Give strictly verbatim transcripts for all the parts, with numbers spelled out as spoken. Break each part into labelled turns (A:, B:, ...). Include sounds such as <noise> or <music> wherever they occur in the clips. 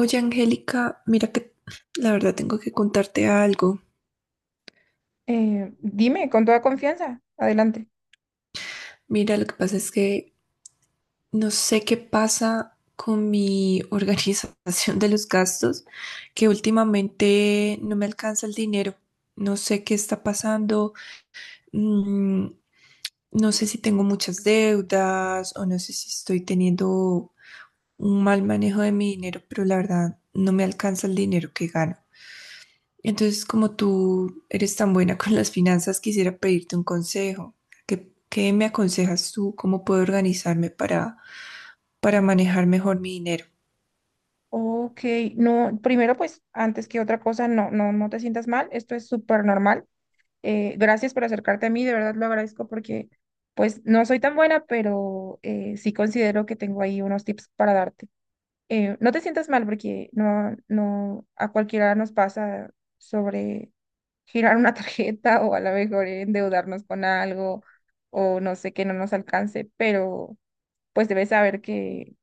A: Oye, Angélica, mira que la verdad tengo que contarte algo.
B: Eh, dime, con toda confianza, adelante.
A: Mira, lo que pasa es que no sé qué pasa con mi <laughs> organización de los gastos, que últimamente no me alcanza el dinero. No sé qué está pasando. mm, no sé si tengo muchas deudas o no sé si estoy teniendo un mal manejo de mi dinero, pero la verdad no me alcanza el dinero que gano. Entonces, como tú eres tan buena con las finanzas, quisiera pedirte un consejo. ¿Qué, qué me aconsejas tú? ¿Cómo puedo organizarme para, para manejar mejor mi dinero?
B: Ok, no, primero pues, antes que otra cosa, no, no, no te sientas mal, esto es súper normal. Eh, gracias por acercarte a mí, de verdad lo agradezco porque pues no soy tan buena, pero eh, sí considero que tengo ahí unos tips para darte. Eh, no te sientas mal porque no, no, a cualquiera nos pasa sobre girar una <laughs> tarjeta o a lo mejor endeudarnos con algo o no sé que no nos alcance, pero pues debes saber que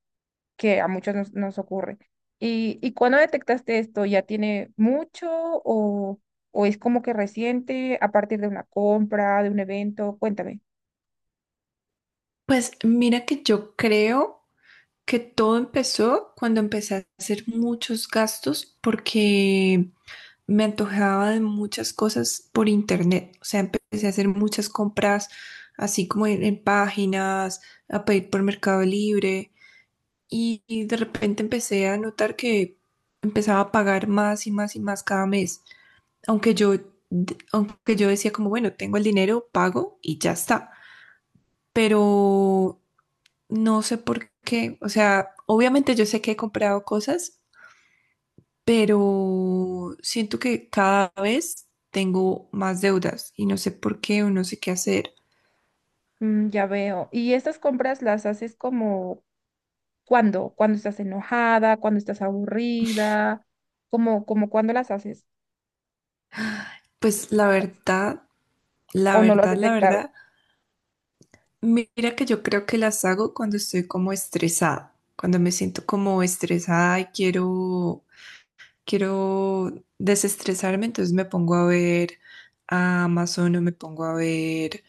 B: que a muchos nos, nos ocurre. ¿Y, y cuándo detectaste esto? ¿Ya tiene mucho o, o es como que reciente a partir de una compra, de un evento? Cuéntame.
A: Pues mira que yo creo que todo empezó cuando empecé a hacer muchos gastos porque me antojaba de muchas cosas por internet. O sea, empecé a hacer muchas compras así como en, en páginas, a pedir por Mercado Libre y y de repente empecé a notar que empezaba a pagar más y más y más cada mes, aunque yo, aunque yo decía como, bueno, tengo el dinero, pago y ya está, pero no sé por qué, o sea, obviamente yo sé que he comprado cosas, pero siento que cada vez tengo más deudas y no sé por qué o no sé qué hacer.
B: Mm, ya veo. ¿Y estas compras las haces como cuándo? ¿Cuándo estás enojada? ¿Cuándo estás aburrida? ¿Cómo, como cuándo las haces?
A: Pues la verdad, la
B: ¿O no lo has
A: verdad, la verdad.
B: detectado?
A: Mira que yo creo que las hago cuando estoy como estresada, cuando me siento como estresada y quiero, quiero desestresarme, entonces me pongo a ver a Amazon o me pongo a ver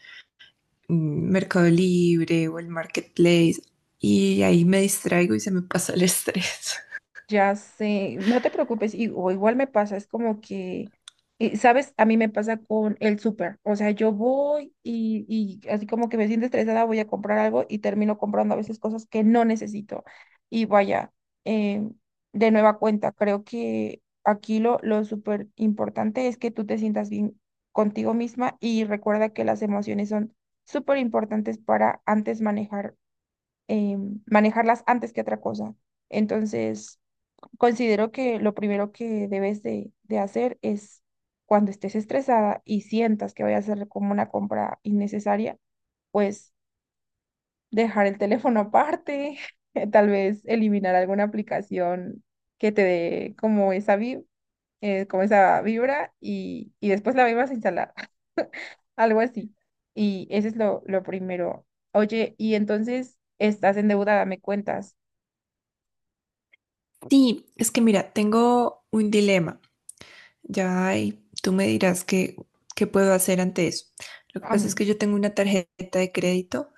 A: mm, Mercado Libre o el Marketplace y ahí me distraigo y se me pasa el estrés. <laughs>
B: Ya sé, no te preocupes, y, o igual me pasa, es como que, eh, ¿sabes? A mí me pasa con el súper, o sea, yo voy y, y así como que me siento estresada, voy a comprar algo y termino comprando a veces cosas que no necesito. Y vaya, eh, de nueva cuenta, creo que aquí lo, lo súper importante es que tú te sientas bien contigo misma y recuerda que las emociones son súper importantes para antes manejar, em, manejarlas antes que otra cosa. Entonces Considero que lo primero que debes de, de hacer es cuando estés estresada y sientas que vayas a hacer como una compra innecesaria, pues dejar el teléfono aparte, <laughs> tal vez eliminar alguna aplicación que te dé como esa vi- eh, como esa vibra y, y después la vuelvas a instalar, <laughs> algo así. Y ese es lo, lo primero. Oye, y entonces estás endeudada, me cuentas.
A: Sí, es que mira, tengo un dilema, ya y tú me dirás qué, qué puedo hacer ante eso. Lo que pasa es que
B: Am,
A: yo tengo una tarjeta de crédito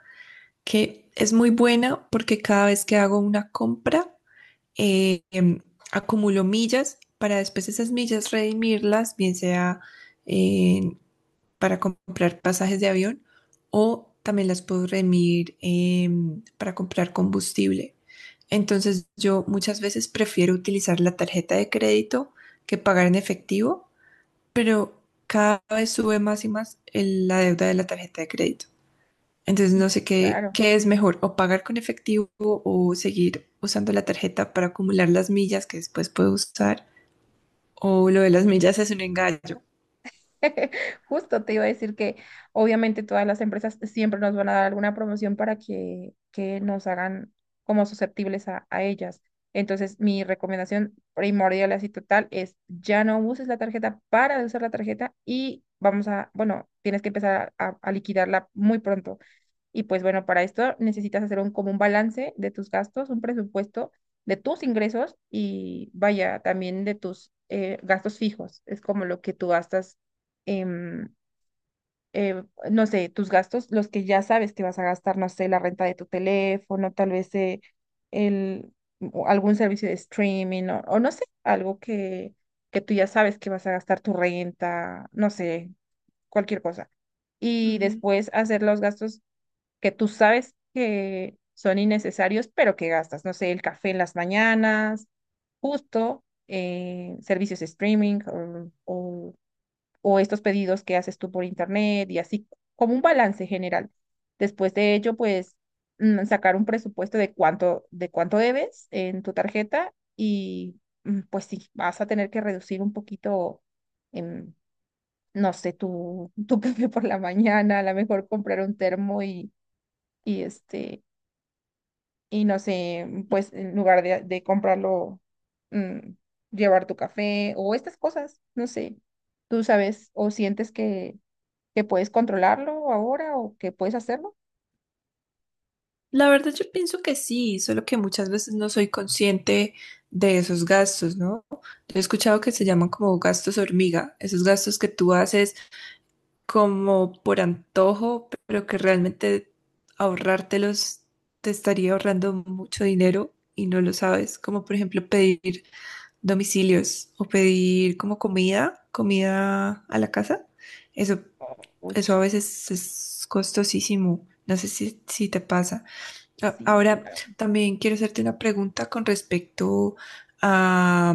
A: que es muy buena porque cada vez que hago una compra, eh, em, acumulo millas para después esas millas redimirlas, bien sea eh, para comprar pasajes de avión o también las puedo redimir em, para comprar combustible. Entonces yo muchas veces prefiero utilizar la tarjeta de crédito que pagar en efectivo, pero cada vez sube más y más el- la deuda de la tarjeta de crédito. Entonces
B: sí,
A: no sé qué,
B: claro.
A: qué es mejor, o pagar con efectivo o seguir usando la tarjeta para acumular las millas que después puedo usar, o lo de las millas es un engaño.
B: <laughs> Justo te iba a decir que obviamente todas las empresas siempre nos van a dar alguna promoción para que, que nos hagan como susceptibles a, a ellas. Entonces, mi recomendación primordial así total es ya no uses la tarjeta para de usar la tarjeta y vamos a, bueno, tienes que empezar a, a liquidarla muy pronto. Y pues bueno, para esto necesitas hacer un, como un balance de tus gastos, un presupuesto de tus ingresos y vaya, también de tus eh, gastos fijos. Es como lo que tú gastas, em, eh, no sé, tus gastos, los que ya sabes que vas a gastar, no sé, la renta de tu teléfono, tal vez eh, el, o algún servicio de streaming o, o no sé, algo que, que tú ya sabes que vas a gastar tu renta, no sé, cualquier cosa y
A: Ujú.
B: después hacer los gastos que tú sabes que son innecesarios, pero que gastas, no sé, el café en las mañanas, justo, eh, servicios de streaming o, o- o estos pedidos que haces tú por internet y así, como un balance general. Después de ello, pues mm, sacar un presupuesto de cuánto, de cuánto debes en tu tarjeta y mm, pues sí, vas a tener que reducir un poquito. em, No sé, tu, <laughs> tu café por la mañana, a lo mejor comprar un termo y, y este, y no sé, mm, pues en lugar de, de comprarlo, mm, llevar tu café o estas cosas, no sé, tú sabes o sientes que, que puedes controlarlo ahora o que puedes hacerlo.
A: La verdad yo pienso que sí, solo que muchas veces no soy consciente de esos gastos, ¿no? Yo he escuchado que se llaman como gastos hormiga, esos gastos que tú haces como por antojo, pero que realmente ahorrártelos te estaría ahorrando mucho dinero y no lo sabes, como por ejemplo pedir domicilios o pedir como comida, comida a la casa. Eso, eso
B: Uch,
A: a veces es costosísimo. No sé si, si te pasa. A-
B: sí,
A: Ahora,
B: claro.
A: también quiero hacerte una pregunta con respecto a,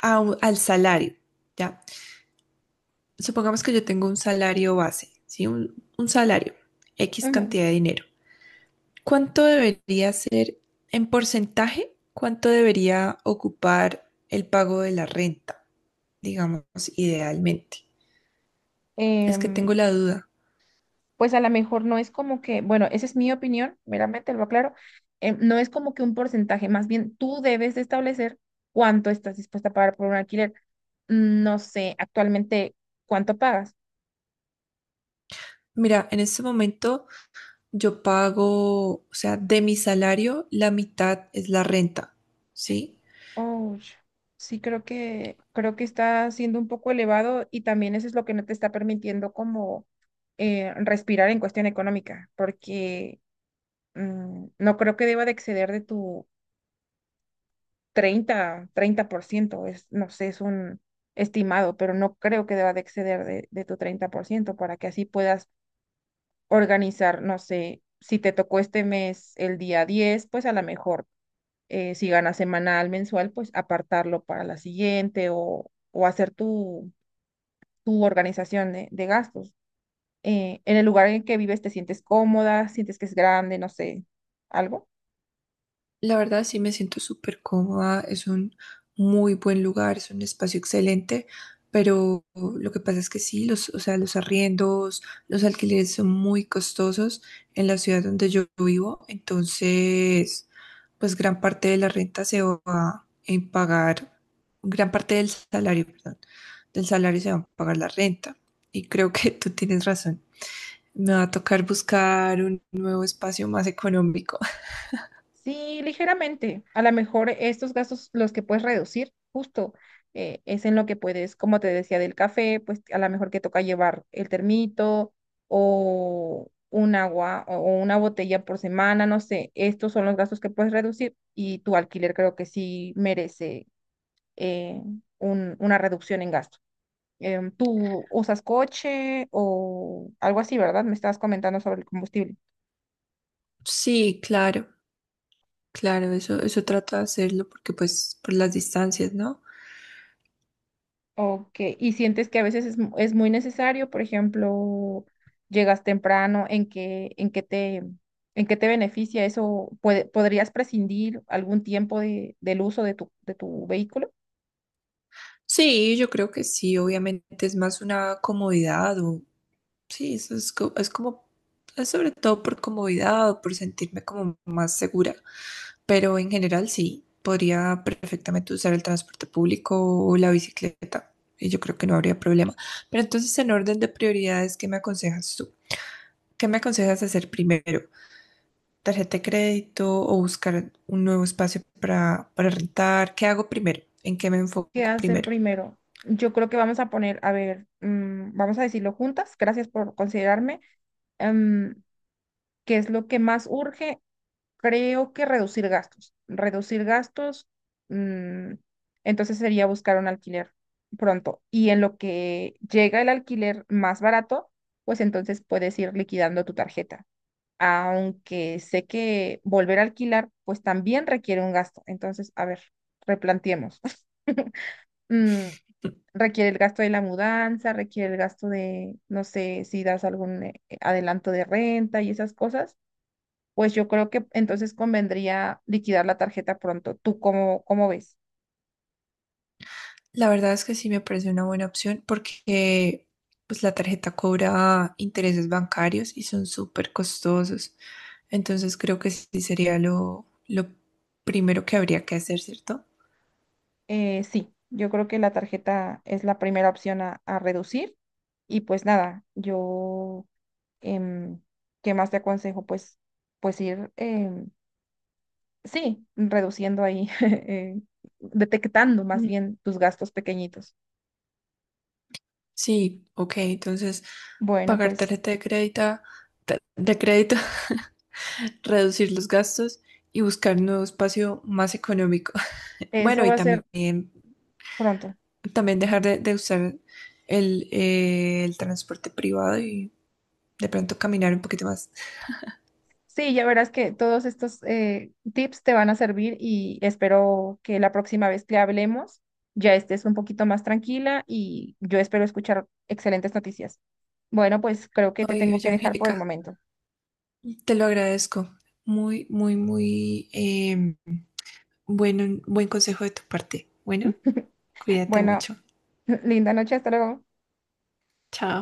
A: a un- al salario, ¿ya? Supongamos que yo tengo un salario base, ¿sí? Un, un salario, X
B: Ujú.
A: cantidad de dinero. ¿Cuánto debería ser en porcentaje? ¿Cuánto debería ocupar el pago de la renta? Digamos, idealmente. Es que
B: Em,
A: tengo la duda.
B: pues a lo mejor no es como que, bueno, esa es mi opinión, meramente lo aclaro, em, no es como que un porcentaje, más bien tú debes de establecer cuánto estás dispuesta a pagar por un alquiler. No sé actualmente cuánto pagas.
A: Mira, en este momento yo pago, o sea, de mi salario, la mitad es la renta, ¿sí?
B: Oh, sí, creo que, creo que está siendo un poco elevado y también eso es lo que no te está permitiendo como eh, respirar en cuestión económica, porque mm, no creo que deba de exceder de tu treinta treinta por ciento es, no sé, es un estimado, pero no creo que deba de exceder de, de tu treinta por ciento para que así puedas organizar, no sé, si te tocó este mes el día diez pues a lo mejor eh, si ganas semanal, mensual, pues apartarlo para la siguiente o, o hacer tu, tu organización de, de gastos. Eh, en el lugar en el que vives, ¿te sientes cómoda? ¿Sientes que es grande? No sé, algo.
A: La verdad sí me siento súper cómoda, es un muy buen lugar, es un espacio excelente, pero lo que pasa es que sí, los, o sea, los arriendos, los alquileres son muy costosos en la ciudad donde yo vivo, entonces pues gran parte de la renta se va en pagar, gran parte del salario, perdón, del salario se va a pagar la renta y creo que tú tienes razón. Me va a tocar buscar un nuevo espacio más económico. <laughs>
B: Sí, ligeramente. A lo mejor estos gastos los que puedes reducir, justo, eh, es en lo que puedes, como te decía, del café, pues a lo mejor que toca llevar el termito o un agua o una botella por semana, no sé. Estos son los gastos que puedes reducir y tu alquiler creo que sí merece eh, un- una reducción en gasto. Em, ¿tú usas coche o algo así, verdad? Me estabas comentando sobre el combustible.
A: Sí, claro. Claro, eso, eso trato de hacerlo porque pues por las distancias, ¿no?
B: Ok, y sientes que a veces es, mu- es muy necesario, por ejemplo, llegas temprano, ¿en qué, en qué te, ¿en qué te beneficia eso? ¿Puede- podrías prescindir algún tiempo de, del uso de tu, de tu vehículo?
A: Sí, yo creo que sí, obviamente es más una comodidad o sí, eso es, co- es como, es sobre todo por comodidad o por sentirme como más segura, pero en general sí, podría perfectamente usar el transporte público o la bicicleta y yo creo que no habría problema. Pero entonces en orden de prioridades, ¿qué me aconsejas tú? ¿Qué me aconsejas hacer primero? Tarjeta de crédito o buscar un nuevo espacio para, para rentar. ¿Qué hago primero? ¿En qué me
B: ¿Qué
A: enfoco
B: hacer
A: primero?
B: primero? Yo creo que vamos a poner, a ver, mm, vamos a decirlo juntas, gracias por considerarme, em, ¿qué es lo que más urge? Creo que reducir gastos. Reducir gastos, mm, entonces sería buscar un alquiler pronto. Y en lo que llega el alquiler más barato, pues entonces puedes ir liquidando tu tarjeta. Aunque sé que volver a alquilar, pues también requiere un gasto. Entonces, a ver, replanteemos. <laughs> Mm, Requiere el gasto de la mudanza, requiere el gasto de, no sé, si das algún eh, adelanto de renta y esas cosas pues yo creo que entonces convendría liquidar la tarjeta pronto. ¿Tú cómo, cómo ves?
A: La verdad es que sí me parece una buena opción porque pues la tarjeta cobra intereses bancarios y son súper costosos. Entonces creo que sí sería lo, lo primero que habría que hacer, ¿cierto?
B: Eh, sí, yo creo que la tarjeta es la primera opción a, a reducir. Y pues nada, yo, em, ¿qué más te aconsejo? Pues, pues ir, em, sí, reduciendo ahí, <laughs> eh, detectando más
A: Mm.
B: bien tus gastos pequeñitos.
A: Sí, ok, entonces
B: Bueno,
A: pagar
B: pues
A: tarjeta de crédito, de crédito, <laughs> reducir los gastos y buscar un nuevo espacio más económico. Bueno,
B: eso
A: y
B: va a ser
A: también,
B: pronto.
A: también dejar de, de usar el, eh, el transporte privado y de pronto caminar un poquito más.
B: Sí, ya verás que todos estos eh, tips te van a servir y espero que la próxima vez que hablemos ya estés un poquito más tranquila y yo espero escuchar excelentes noticias. Bueno, pues creo que te
A: Oye,
B: tengo
A: oye,
B: que dejar por el
A: Angélica,
B: momento.
A: te lo agradezco. Muy, muy, muy eh, bueno, buen consejo de tu parte. Bueno, cuídate
B: Bueno,
A: mucho.
B: <laughs> linda noche, hasta luego.
A: Chao.